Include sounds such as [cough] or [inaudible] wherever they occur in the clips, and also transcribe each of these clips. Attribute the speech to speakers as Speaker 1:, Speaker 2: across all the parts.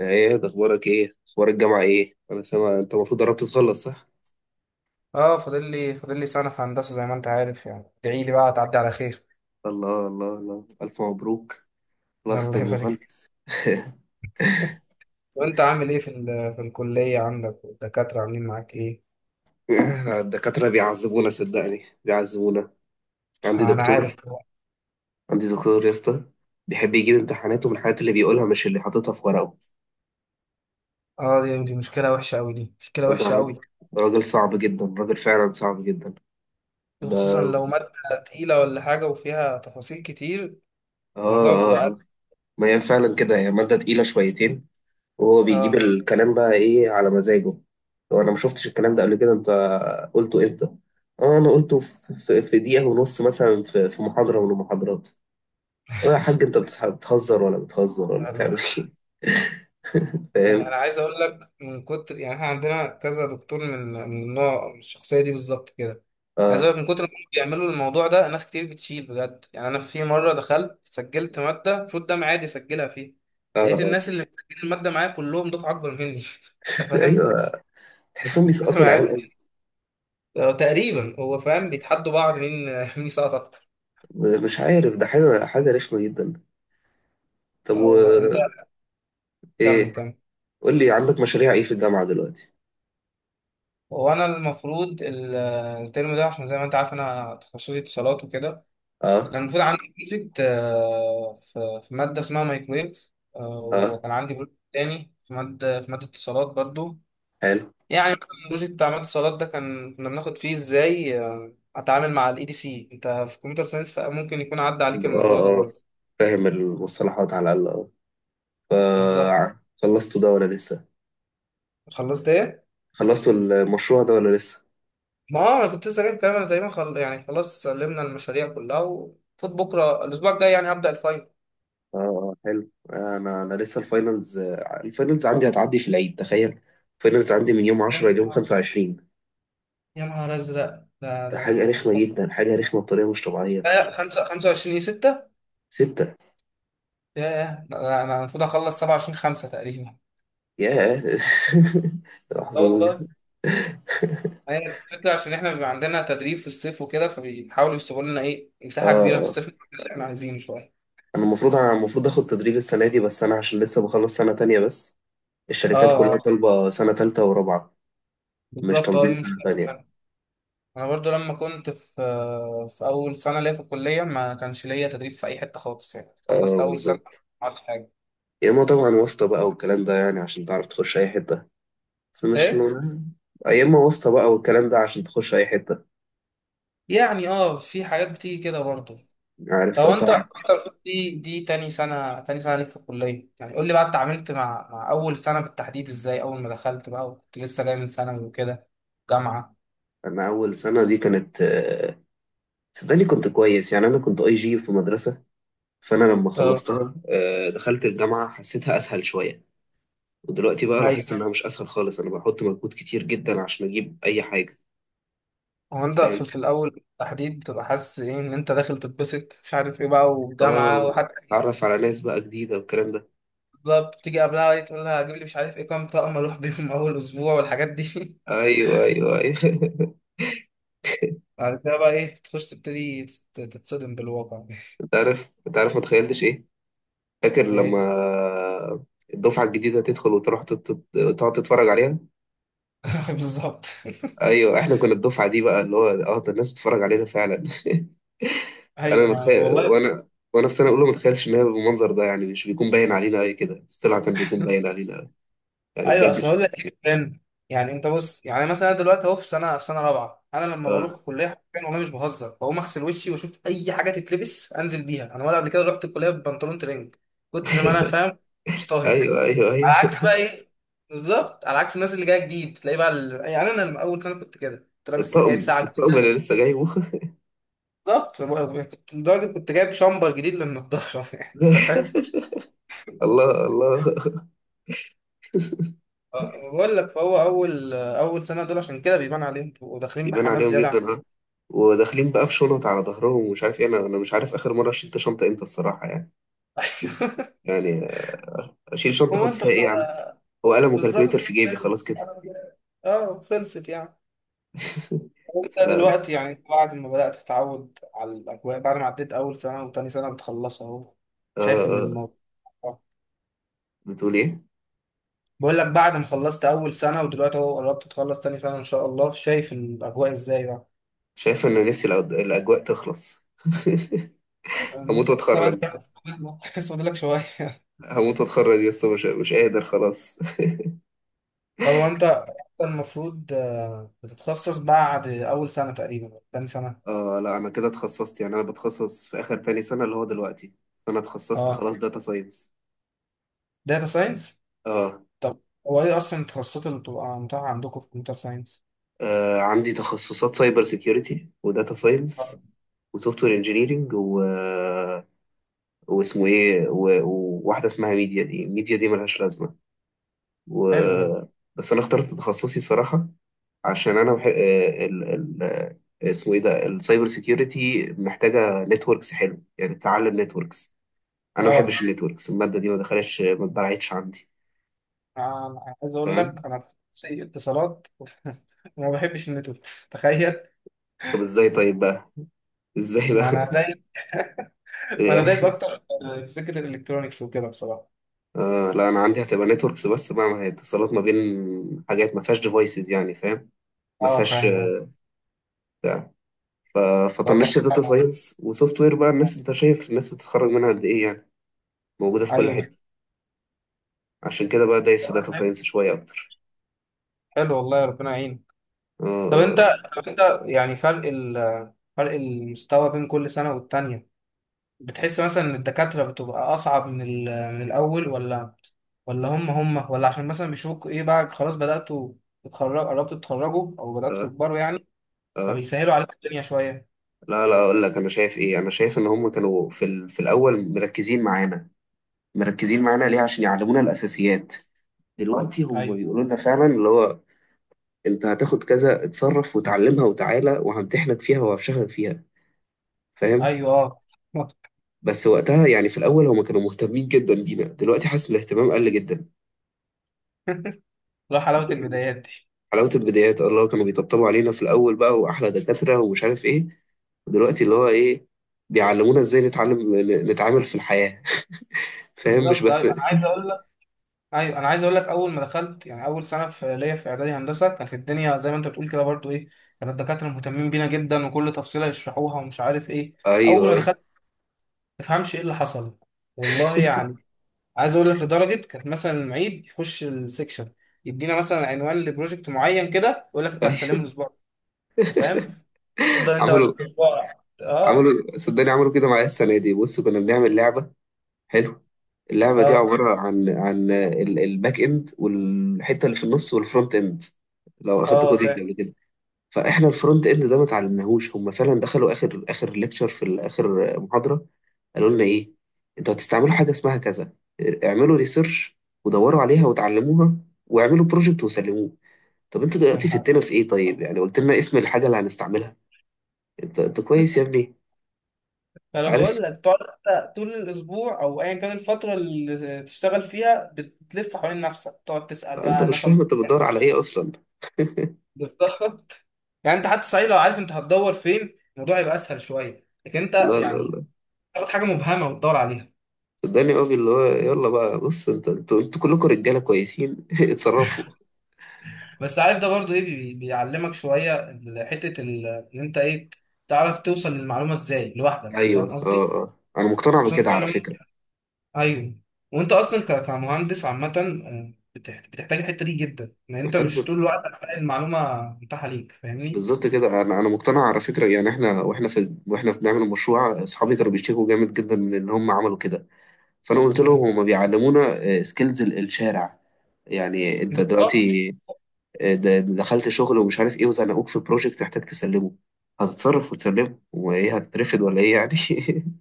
Speaker 1: ايه ده؟ اخبارك ايه؟ اخبار الجامعه ايه؟ انا سامع انت المفروض قربت تخلص، صح؟
Speaker 2: اه، فاضل لي سنة في هندسة زي ما انت عارف، يعني ادعي لي بقى تعدي على خير.
Speaker 1: الله الله الله، الف مبروك.
Speaker 2: [laughs]
Speaker 1: خلاص
Speaker 2: الله
Speaker 1: هتبقى
Speaker 2: يبارك.
Speaker 1: مهندس. [laughs]
Speaker 2: وانت عامل ايه في الكلية عندك، والدكاترة عاملين معاك ايه؟
Speaker 1: الدكاتره بيعذبونا، صدقني بيعذبونا. عندي
Speaker 2: انا
Speaker 1: دكتور،
Speaker 2: عارف.
Speaker 1: عندي دكتور يا اسطى بيحب يجيب امتحاناته من الحاجات اللي بيقولها مش اللي حاططها في ورقه.
Speaker 2: اه، دي مشكلة وحشة قوي، دي مشكلة
Speaker 1: ده
Speaker 2: وحشة
Speaker 1: راجل،
Speaker 2: قوي.
Speaker 1: راجل صعب جدا، راجل فعلا صعب جدا. ب...
Speaker 2: وخصوصا
Speaker 1: اه
Speaker 2: لو مادة تقيلة ولا حاجة وفيها تفاصيل كتير، الموضوع
Speaker 1: اه آه.
Speaker 2: بتبقى
Speaker 1: ما هي فعلا كده، هي ماده تقيله شويتين، وهو بيجيب
Speaker 2: أزمة.
Speaker 1: الكلام بقى ايه على مزاجه. هو انا ما شفتش الكلام ده قبل كده، انت قلته امتى؟ اه انا قلته في دقيقة ونص مثلا في محاضرة من المحاضرات. اه يا حاج، انت بتهزر ولا
Speaker 2: اه.
Speaker 1: بتعمل
Speaker 2: [laughs]
Speaker 1: ايه؟ [laughs]
Speaker 2: يعني
Speaker 1: فاهم.
Speaker 2: انا عايز اقول لك من كتر، يعني احنا عندنا كذا دكتور من النوع، من الشخصيه دي بالظبط كده. عايز
Speaker 1: اه
Speaker 2: اقول لك من كتر ما هم بيعملوا الموضوع ده، ناس كتير بتشيل بجد. يعني انا في مره دخلت سجلت ماده المفروض ده معادي اسجلها فيه،
Speaker 1: اه
Speaker 2: لقيت
Speaker 1: آه.
Speaker 2: الناس اللي مسجلين الماده معايا كلهم دفعه اكبر مني. [laughs] انت
Speaker 1: [laughs]
Speaker 2: فاهم،
Speaker 1: ايوه. تحسهم
Speaker 2: من كتر
Speaker 1: بيسقطوا
Speaker 2: ما
Speaker 1: العيال
Speaker 2: عبت.
Speaker 1: أصلاً.
Speaker 2: هو تقريبا هو فاهم بيتحدوا بعض مين [laughs] مين يسقط اكتر.
Speaker 1: مش عارف، ده حاجة رخمة جدا. طب
Speaker 2: اه
Speaker 1: و
Speaker 2: والله. انت كمل
Speaker 1: ايه؟
Speaker 2: كمل.
Speaker 1: قول لي، عندك مشاريع ايه في الجامعة دلوقتي؟
Speaker 2: وانا المفروض الترم ده، عشان زي ما انت عارف انا تخصصي اتصالات وكده.
Speaker 1: اه
Speaker 2: كان المفروض عندي بروجكت آه، في مادة اسمها مايكرويف. آه،
Speaker 1: اه،
Speaker 2: وكان عندي بروجكت تاني في مادة، اتصالات برضو.
Speaker 1: حلو.
Speaker 2: يعني مثلا البروجكت بتاع مادة اتصالات ده كان كنا بناخد فيه ازاي آه، اتعامل مع الاي دي سي. انت في كمبيوتر ساينس فممكن يكون عدى عليك الموضوع ده
Speaker 1: اه
Speaker 2: برضو.
Speaker 1: فاهم المصطلحات على الاقل.
Speaker 2: بالظبط.
Speaker 1: آه، خلصتوا ده ولا لسه؟
Speaker 2: خلصت ايه؟
Speaker 1: خلصتوا المشروع ده ولا لسه؟
Speaker 2: ما هو انا كنت لسه جايب كلام، انا تقريبا يعني خلاص سلمنا المشاريع كلها وفوت بكره، الاسبوع الجاي يعني هبدأ الفاينل.
Speaker 1: اه آه، حلو. انا لسه الفاينلز، آه، الفاينلز عندي هتعدي في العيد، تخيل. الفاينلز عندي من يوم
Speaker 2: يا
Speaker 1: 10 ليوم
Speaker 2: نهار،
Speaker 1: 25.
Speaker 2: يا نهار ازرق. ده
Speaker 1: ده حاجه
Speaker 2: ده
Speaker 1: رخمه جدا، حاجه رخمه بطريقه مش طبيعيه.
Speaker 2: لا لا 25 6.
Speaker 1: ستة.
Speaker 2: ياه، ده أنا المفروض اخلص 27 5 تقريبا.
Speaker 1: ياه [laughs]
Speaker 2: اه
Speaker 1: محظوظ.
Speaker 2: والله. هي الفكرة عشان احنا بيبقى عندنا تدريب في الصيف وكده، فبيحاولوا يسيبوا لنا ايه
Speaker 1: اه
Speaker 2: مساحة كبيرة في
Speaker 1: آه.
Speaker 2: الصيف اللي احنا عايزينه شوية.
Speaker 1: انا المفروض اخد تدريب السنه دي، بس انا عشان لسه بخلص سنه تانية بس.
Speaker 2: اه
Speaker 1: الشركات كلها
Speaker 2: اه.
Speaker 1: طالبه سنه تالتة ورابعه، مش
Speaker 2: بالظبط، اه
Speaker 1: طالبين
Speaker 2: دي
Speaker 1: سنه
Speaker 2: مشكلة
Speaker 1: تانية.
Speaker 2: فعلا. انا برضو لما كنت في اول سنة ليا في الكلية ما كانش ليا تدريب في اي حتة خالص، يعني خلصت
Speaker 1: اه
Speaker 2: اول سنة
Speaker 1: بالظبط،
Speaker 2: ما عملتش حاجة.
Speaker 1: يا اما طبعا واسطة بقى والكلام ده، يعني عشان تعرف تخش اي حتة. بس مش لو،
Speaker 2: ايه
Speaker 1: يا اما واسطة بقى والكلام ده عشان تخش اي حتة.
Speaker 2: يعني، اه، في حاجات بتيجي كده برضو.
Speaker 1: يعني
Speaker 2: طب
Speaker 1: عارف، لو
Speaker 2: انت
Speaker 1: تعرف.
Speaker 2: المفروض دي تاني سنة، ليك في الكلية. يعني قول لي بقى، اتعاملت مع أول سنة بالتحديد ازاي؟ أول ما دخلت بقى وكنت لسه جاي من ثانوي وكده، جامعة.
Speaker 1: انا اول سنة دي كانت آه، صدقني كنت كويس، يعني انا كنت اي جي في مدرسة، فانا لما
Speaker 2: اه
Speaker 1: خلصتها آه، دخلت الجامعة حسيتها اسهل شوية. ودلوقتي بقى
Speaker 2: ايوه.
Speaker 1: لاحظت انها مش اسهل خالص، انا بحط مجهود كتير جدا عشان اجيب اي حاجة.
Speaker 2: هو انت
Speaker 1: فاهم.
Speaker 2: في الأول بالتحديد بتبقى حاسس ايه، ان انت داخل تتبسط مش عارف ايه بقى والجامعة
Speaker 1: اه،
Speaker 2: وحتى.
Speaker 1: اتعرف على ناس بقى جديدة والكلام ده.
Speaker 2: بالظبط، بتيجي قبلها إيه تقول لها هجيب لي مش عارف ايه كام طقم اروح بيهم [laughs] أول أسبوع والحاجات دي. [laughs]
Speaker 1: ايوه ايوه ايوه. [laughs]
Speaker 2: بعد كده بقى ايه تخش تبتدي تتصدم بالواقع. [laughs]
Speaker 1: انت عارف، انت عارف ما تخيلتش ايه؟ فاكر لما
Speaker 2: ايه.
Speaker 1: الدفعة الجديدة تدخل وتروح تقعد تتفرج عليها.
Speaker 2: [laughs] بالظبط. [laughs]
Speaker 1: أيوة، إحنا كنا الدفعة دي بقى اللي هو آه ده الناس بتتفرج علينا فعلا. [laughs] أنا
Speaker 2: ايوه
Speaker 1: متخيل،
Speaker 2: والله.
Speaker 1: وأنا في سنة أولى ما اتخيلش إن هي بالمنظر ده، يعني مش بيكون باين علينا أوي كده، بس طلع كان بيكون باين علينا أوي. يعني
Speaker 2: ايوه،
Speaker 1: بجد.
Speaker 2: اصل اقول لك ايه فاهم. يعني انت بص، يعني مثلا أنا دلوقتي اهو في سنه، رابعه انا لما بروح
Speaker 1: آه
Speaker 2: الكليه حرفيا والله مش بهزر، بقوم اغسل وشي واشوف اي حاجه تتلبس انزل بيها. انا ولا قبل كده رحت الكليه ببنطلون ترنج، كتر ما انا
Speaker 1: [laughs]
Speaker 2: فاهم، مش طاهي.
Speaker 1: أيوة أيوة أيوة.
Speaker 2: على عكس بقى ايه، بالظبط، على عكس الناس اللي جايه جديد تلاقي بقى يعني انا لما اول سنه كنت كده كنت لابس جايب
Speaker 1: الطقم
Speaker 2: ساعه
Speaker 1: الطقم
Speaker 2: جديدة.
Speaker 1: اللي لسه جايبه.
Speaker 2: بالظبط. كنت لدرجه كنت جايب شامبر جديد للنضاره. [laughs]
Speaker 1: [laughs]
Speaker 2: يعني انت فاهم.
Speaker 1: ده الله الله.
Speaker 2: أه، بقول لك، فهو اول سنه دول عشان كده بيبان عليهم وداخلين
Speaker 1: يبان
Speaker 2: بحماس
Speaker 1: عليهم
Speaker 2: زياده
Speaker 1: جدا
Speaker 2: عن...
Speaker 1: اه، وداخلين بقى بشنط على ظهرهم ومش عارف ايه. انا مش عارف اخر مره شلت شنطه امتى الصراحه يعني.
Speaker 2: [laughs]
Speaker 1: يعني اشيل شنطه
Speaker 2: هو
Speaker 1: احط
Speaker 2: انت
Speaker 1: فيها ايه يا عم؟
Speaker 2: بتبقى.
Speaker 1: هو قلم وكالكوليتر
Speaker 2: بالظبط.
Speaker 1: في جيبي خلاص كده.
Speaker 2: اه خلصت يعني.
Speaker 1: [laughs]
Speaker 2: وانت
Speaker 1: لا لا
Speaker 2: دلوقتي يعني بعد ما بدأت تتعود على الأجواء، بعد ما عديت أول سنة وتاني سنة بتخلصها أهو،
Speaker 1: آه
Speaker 2: شايف إن
Speaker 1: آه.
Speaker 2: الموضوع. آه.
Speaker 1: بتقول ايه؟
Speaker 2: بقول لك، بعد ما خلصت أول سنة ودلوقتي أهو قربت تخلص تاني سنة إن شاء الله، شايف إن الأجواء إزاي بقى؟
Speaker 1: شايف ان نفسي الاجواء تخلص. [laughs]
Speaker 2: أنا
Speaker 1: هموت
Speaker 2: لسه
Speaker 1: واتخرج،
Speaker 2: بقى- [laughs] لسه فاضلك شوية.
Speaker 1: هموت واتخرج يا اسطى، مش مش قادر خلاص.
Speaker 2: طب هو أنت المفروض آه، بتتخصص بعد أول سنة تقريبا تاني
Speaker 1: [laughs]
Speaker 2: سنة.
Speaker 1: آه لا، انا كده اتخصصت، يعني انا بتخصص في اخر تاني سنه اللي هو دلوقتي. انا اتخصصت
Speaker 2: أه،
Speaker 1: خلاص داتا ساينس.
Speaker 2: داتا ساينس.
Speaker 1: آه.
Speaker 2: طب هو ايه اصلا التخصصات اللي بتبقى متاحه عندكم في كمبيوتر ساينس؟
Speaker 1: اه عندي تخصصات سايبر سيكيورتي وداتا
Speaker 2: آه،
Speaker 1: ساينس وسوفت وير انجينيرنج و... آه، واسمه ايه و... وواحده اسمها ميديا دي ملهاش لازمه و...
Speaker 2: حلو ده.
Speaker 1: بس انا اخترت تخصصي صراحه، عشان انا بحب آه، اسمه ايه ده، السايبر سيكيورتي محتاجه نتوركس حلو، يعني تتعلم نتوركس. انا ما بحبش
Speaker 2: اه
Speaker 1: النتوركس، الماده دي ما دخلتش ما اتبرعتش عندي.
Speaker 2: انا عايز اقول
Speaker 1: فاهم.
Speaker 2: لك انا في تخصصي اتصالات وما بحبش النتورك. [laughs] تخيل.
Speaker 1: طب ازاي طيب بقى؟ ازاي
Speaker 2: ما
Speaker 1: بقى؟
Speaker 2: انا دايس.
Speaker 1: [laughs]
Speaker 2: [laughs] ما انا
Speaker 1: يعني
Speaker 2: دايس اكتر في سكه الالكترونيكس وكده بصراحه.
Speaker 1: آه لا، انا عندي هتبقى نتوركس بس بقى، ما هي اتصالات ما بين حاجات ما فيهاش ديفايسز، يعني فاهم. ما
Speaker 2: اه
Speaker 1: فيهاش
Speaker 2: فاهم أهو.
Speaker 1: بتاع ف-
Speaker 2: طب-
Speaker 1: فطنشت داتا
Speaker 2: [laughs]
Speaker 1: ساينس وسوفت وير بقى. الناس انت شايف الناس بتتخرج منها قد ايه يعني، موجوده في كل
Speaker 2: ايوه بس-
Speaker 1: حته. عشان كده بقى دايس في داتا
Speaker 2: حلو.
Speaker 1: ساينس شوية أكتر.
Speaker 2: حلو والله، ربنا يعينك.
Speaker 1: آه
Speaker 2: طب انت
Speaker 1: آه
Speaker 2: طب انت، يعني فرق فرق المستوى بين كل سنه والتانيه، بتحس مثلا ان الدكاترة بتبقى اصعب من من الاول، ولا هم هم، ولا عشان مثلا بيشوفوك ايه بقى خلاص بدأتوا تتخرجوا، قربتوا تتخرجوا او بدأتوا
Speaker 1: آه
Speaker 2: تكبروا يعني،
Speaker 1: آه، آه.
Speaker 2: فبيسهلوا عليك الدنيا شوية.
Speaker 1: لا لا، أقول لك أنا شايف إيه، أنا شايف إن هم كانوا في الأول مركزين معانا، مركزين معانا ليه؟ عشان يعلمونا الأساسيات. دلوقتي هم
Speaker 2: ايوه
Speaker 1: بيقولوا لنا فعلا اللي هو أنت هتاخد كذا، اتصرف وتعلمها وتعالى وهمتحنك فيها وهفشخك فيها. فاهم.
Speaker 2: ايوه اه.
Speaker 1: بس وقتها يعني في الأول هم كانوا مهتمين جدا بينا، دلوقتي حاسس الاهتمام قل جدا.
Speaker 2: [laughs] لا حلاوة البدايات دي.
Speaker 1: حلاوة البدايات، الله كانوا بيطبطبوا علينا في الأول بقى، وأحلى دكاترة ومش عارف إيه. دلوقتي اللي هو إيه، بيعلمونا إزاي نتعلم نتعامل في الحياة. [laughs] فاهم، مش
Speaker 2: بالظبط.
Speaker 1: بس
Speaker 2: ايوه انا عايز اقول لك اول ما دخلت، يعني اول سنة ليا في اعدادي هندسة كانت الدنيا زي ما انت بتقول كده برضو. ايه كان الدكاترة مهتمين بينا جدا وكل تفصيلة يشرحوها ومش عارف ايه.
Speaker 1: أيوه
Speaker 2: اول ما
Speaker 1: أيوه.
Speaker 2: دخلت ما تفهمش ايه اللي حصل والله
Speaker 1: [laughs]
Speaker 2: يعني. عايز اقول لك لدرجه كانت مثلا المعيد يخش السكشن يدينا مثلا عنوان لبروجكت معين كده يقول لك انت هتسلمه
Speaker 1: أيوه.
Speaker 2: الاسبوع ده. انت فاهم، تفضل انت بقى
Speaker 1: عملوا،
Speaker 2: الاسبوع، اه
Speaker 1: عملوا صدقني، عملوا كده معايا السنة دي. بص كنا بنعمل لعبة، حلو. اللعبة دي
Speaker 2: اه
Speaker 1: عبارة عن الباك إند والحتة اللي في النص والفرونت إند، لو أخدت
Speaker 2: اه
Speaker 1: كودينج
Speaker 2: فاهم.
Speaker 1: قبل كده. فاحنا الفرونت اند ده ما اتعلمناهوش، هم فعلا دخلوا اخر ليكتشر في اخر محاضره، قالوا لنا ايه؟ انتوا هتستعملوا حاجه اسمها كذا، اعملوا ريسيرش ودوروا عليها وتعلموها، واعملوا بروجكت وسلموه. طب انتوا
Speaker 2: يا
Speaker 1: دلوقتي
Speaker 2: محمد،
Speaker 1: فدتنا في ايه طيب؟ يعني قلت لنا اسم الحاجه اللي هنستعملها. انت كويس يا ابني،
Speaker 2: فانا
Speaker 1: عارف.
Speaker 2: بقول لك تقعد أنت طول الاسبوع او ايا كان الفتره اللي تشتغل فيها بتلف حوالين نفسك تقعد تسال
Speaker 1: انت
Speaker 2: بقى
Speaker 1: مش
Speaker 2: ناس
Speaker 1: فاهم
Speaker 2: أكبر
Speaker 1: انت بتدور على ايه
Speaker 2: منك.
Speaker 1: اصلا.
Speaker 2: بالظبط. يعني انت حتى صحيح، لو عارف انت هتدور فين الموضوع يبقى اسهل شويه، لكن انت
Speaker 1: لا
Speaker 2: يعني
Speaker 1: لا
Speaker 2: تاخد حاجه مبهمه وتدور عليها.
Speaker 1: صدقني، قوي اللي هو يلا بقى، بص انت انتوا كلكم رجاله كويسين [laughs] اتصرفوا.
Speaker 2: بس عارف، ده برضو ايه بيعلمك شويه ان انت ايه، تعرف توصل للمعلومه ازاي لوحدك، فاهم
Speaker 1: ايوه اه
Speaker 2: قصدي؟
Speaker 1: اه، انا مقتنع
Speaker 2: بس
Speaker 1: بكده
Speaker 2: انت
Speaker 1: على
Speaker 2: لما-
Speaker 1: فكره.
Speaker 2: ايوه، وانت اصلا كمهندس عامه آه، بتحتاج الحته دي جدا، ان انت مش
Speaker 1: محتاج
Speaker 2: طول الوقت هتلاقي المعلومه متاحه ليك، فاهمني؟
Speaker 1: بالظبط كده، انا مقتنع على فكره. يعني احنا واحنا واحنا بنعمل المشروع اصحابي كانوا بيشتكوا جامد جدا من ان هم عملوا كده، فانا قلت لهم
Speaker 2: مم.
Speaker 1: هم بيعلمونا سكيلز الشارع. يعني انت
Speaker 2: بالظبط.
Speaker 1: دلوقتي آه، د- دخلت شغل ومش عارف ايه، وزنقوك في بروجكت تحتاج تسلمه، هتتصرف وتسلمه، وايه هتترفد ولا ايه يعني؟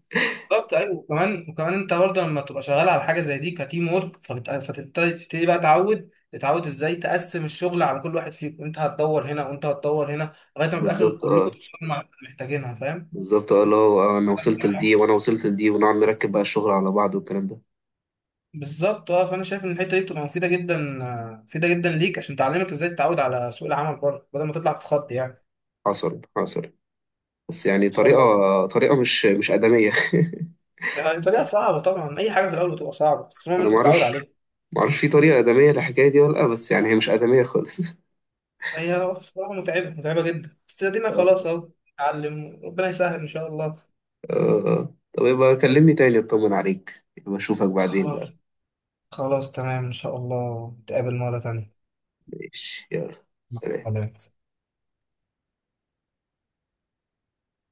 Speaker 1: [laughs]
Speaker 2: بالظبط ايوه، وكمان انت برضه لما تبقى شغال على حاجه زي دي كتيم ورك، فتبتدي بقى تتعود ازاي تقسم الشغل على كل واحد فيكم. انت هتدور هنا وانت هتدور هنا لغايه ما في الاخر
Speaker 1: بالظبط
Speaker 2: كلكم
Speaker 1: اه،
Speaker 2: تشتغلوا مع اللي محتاجينها، فاهم؟
Speaker 1: بالظبط اه، اللي هو آه، انا وصلت لدي وانا وصلت لدي، ونقعد نركب بقى الشغل على بعض والكلام ده.
Speaker 2: بالظبط اه، فانا شايف ان الحته دي بتبقى مفيده جدا آه، مفيده جدا ليك، عشان تعلمك ازاي تتعود على سوق العمل بره بدل ما تطلع تتخض يعني.
Speaker 1: حصل حصل، بس يعني
Speaker 2: خصوصا
Speaker 1: طريقه،
Speaker 2: بقى.
Speaker 1: طريقه مش ادميه.
Speaker 2: يعني طريقه صعبه طبعا، اي حاجه في الاول بتبقى صعبه
Speaker 1: [laughs]
Speaker 2: بس المهم
Speaker 1: انا
Speaker 2: انت
Speaker 1: ما
Speaker 2: تتعود
Speaker 1: اعرفش،
Speaker 2: عليها.
Speaker 1: معرفش في طريقة آدمية للحكاية دي ولا لأ، بس يعني هي مش آدمية خالص. [laughs]
Speaker 2: هي بصراحه متعبه، متعبه جدا، بس ادينا
Speaker 1: آه.
Speaker 2: خلاص اهو نتعلم، ربنا يسهل ان شاء الله.
Speaker 1: آه. طب يبقى كلمني تاني اطمن عليك، يبقى أشوفك بعدين بقى.
Speaker 2: خلاص. خلاص تمام، إن شاء الله نتقابل مرة تانية.
Speaker 1: ماشي، يلا سلام.
Speaker 2: سلام.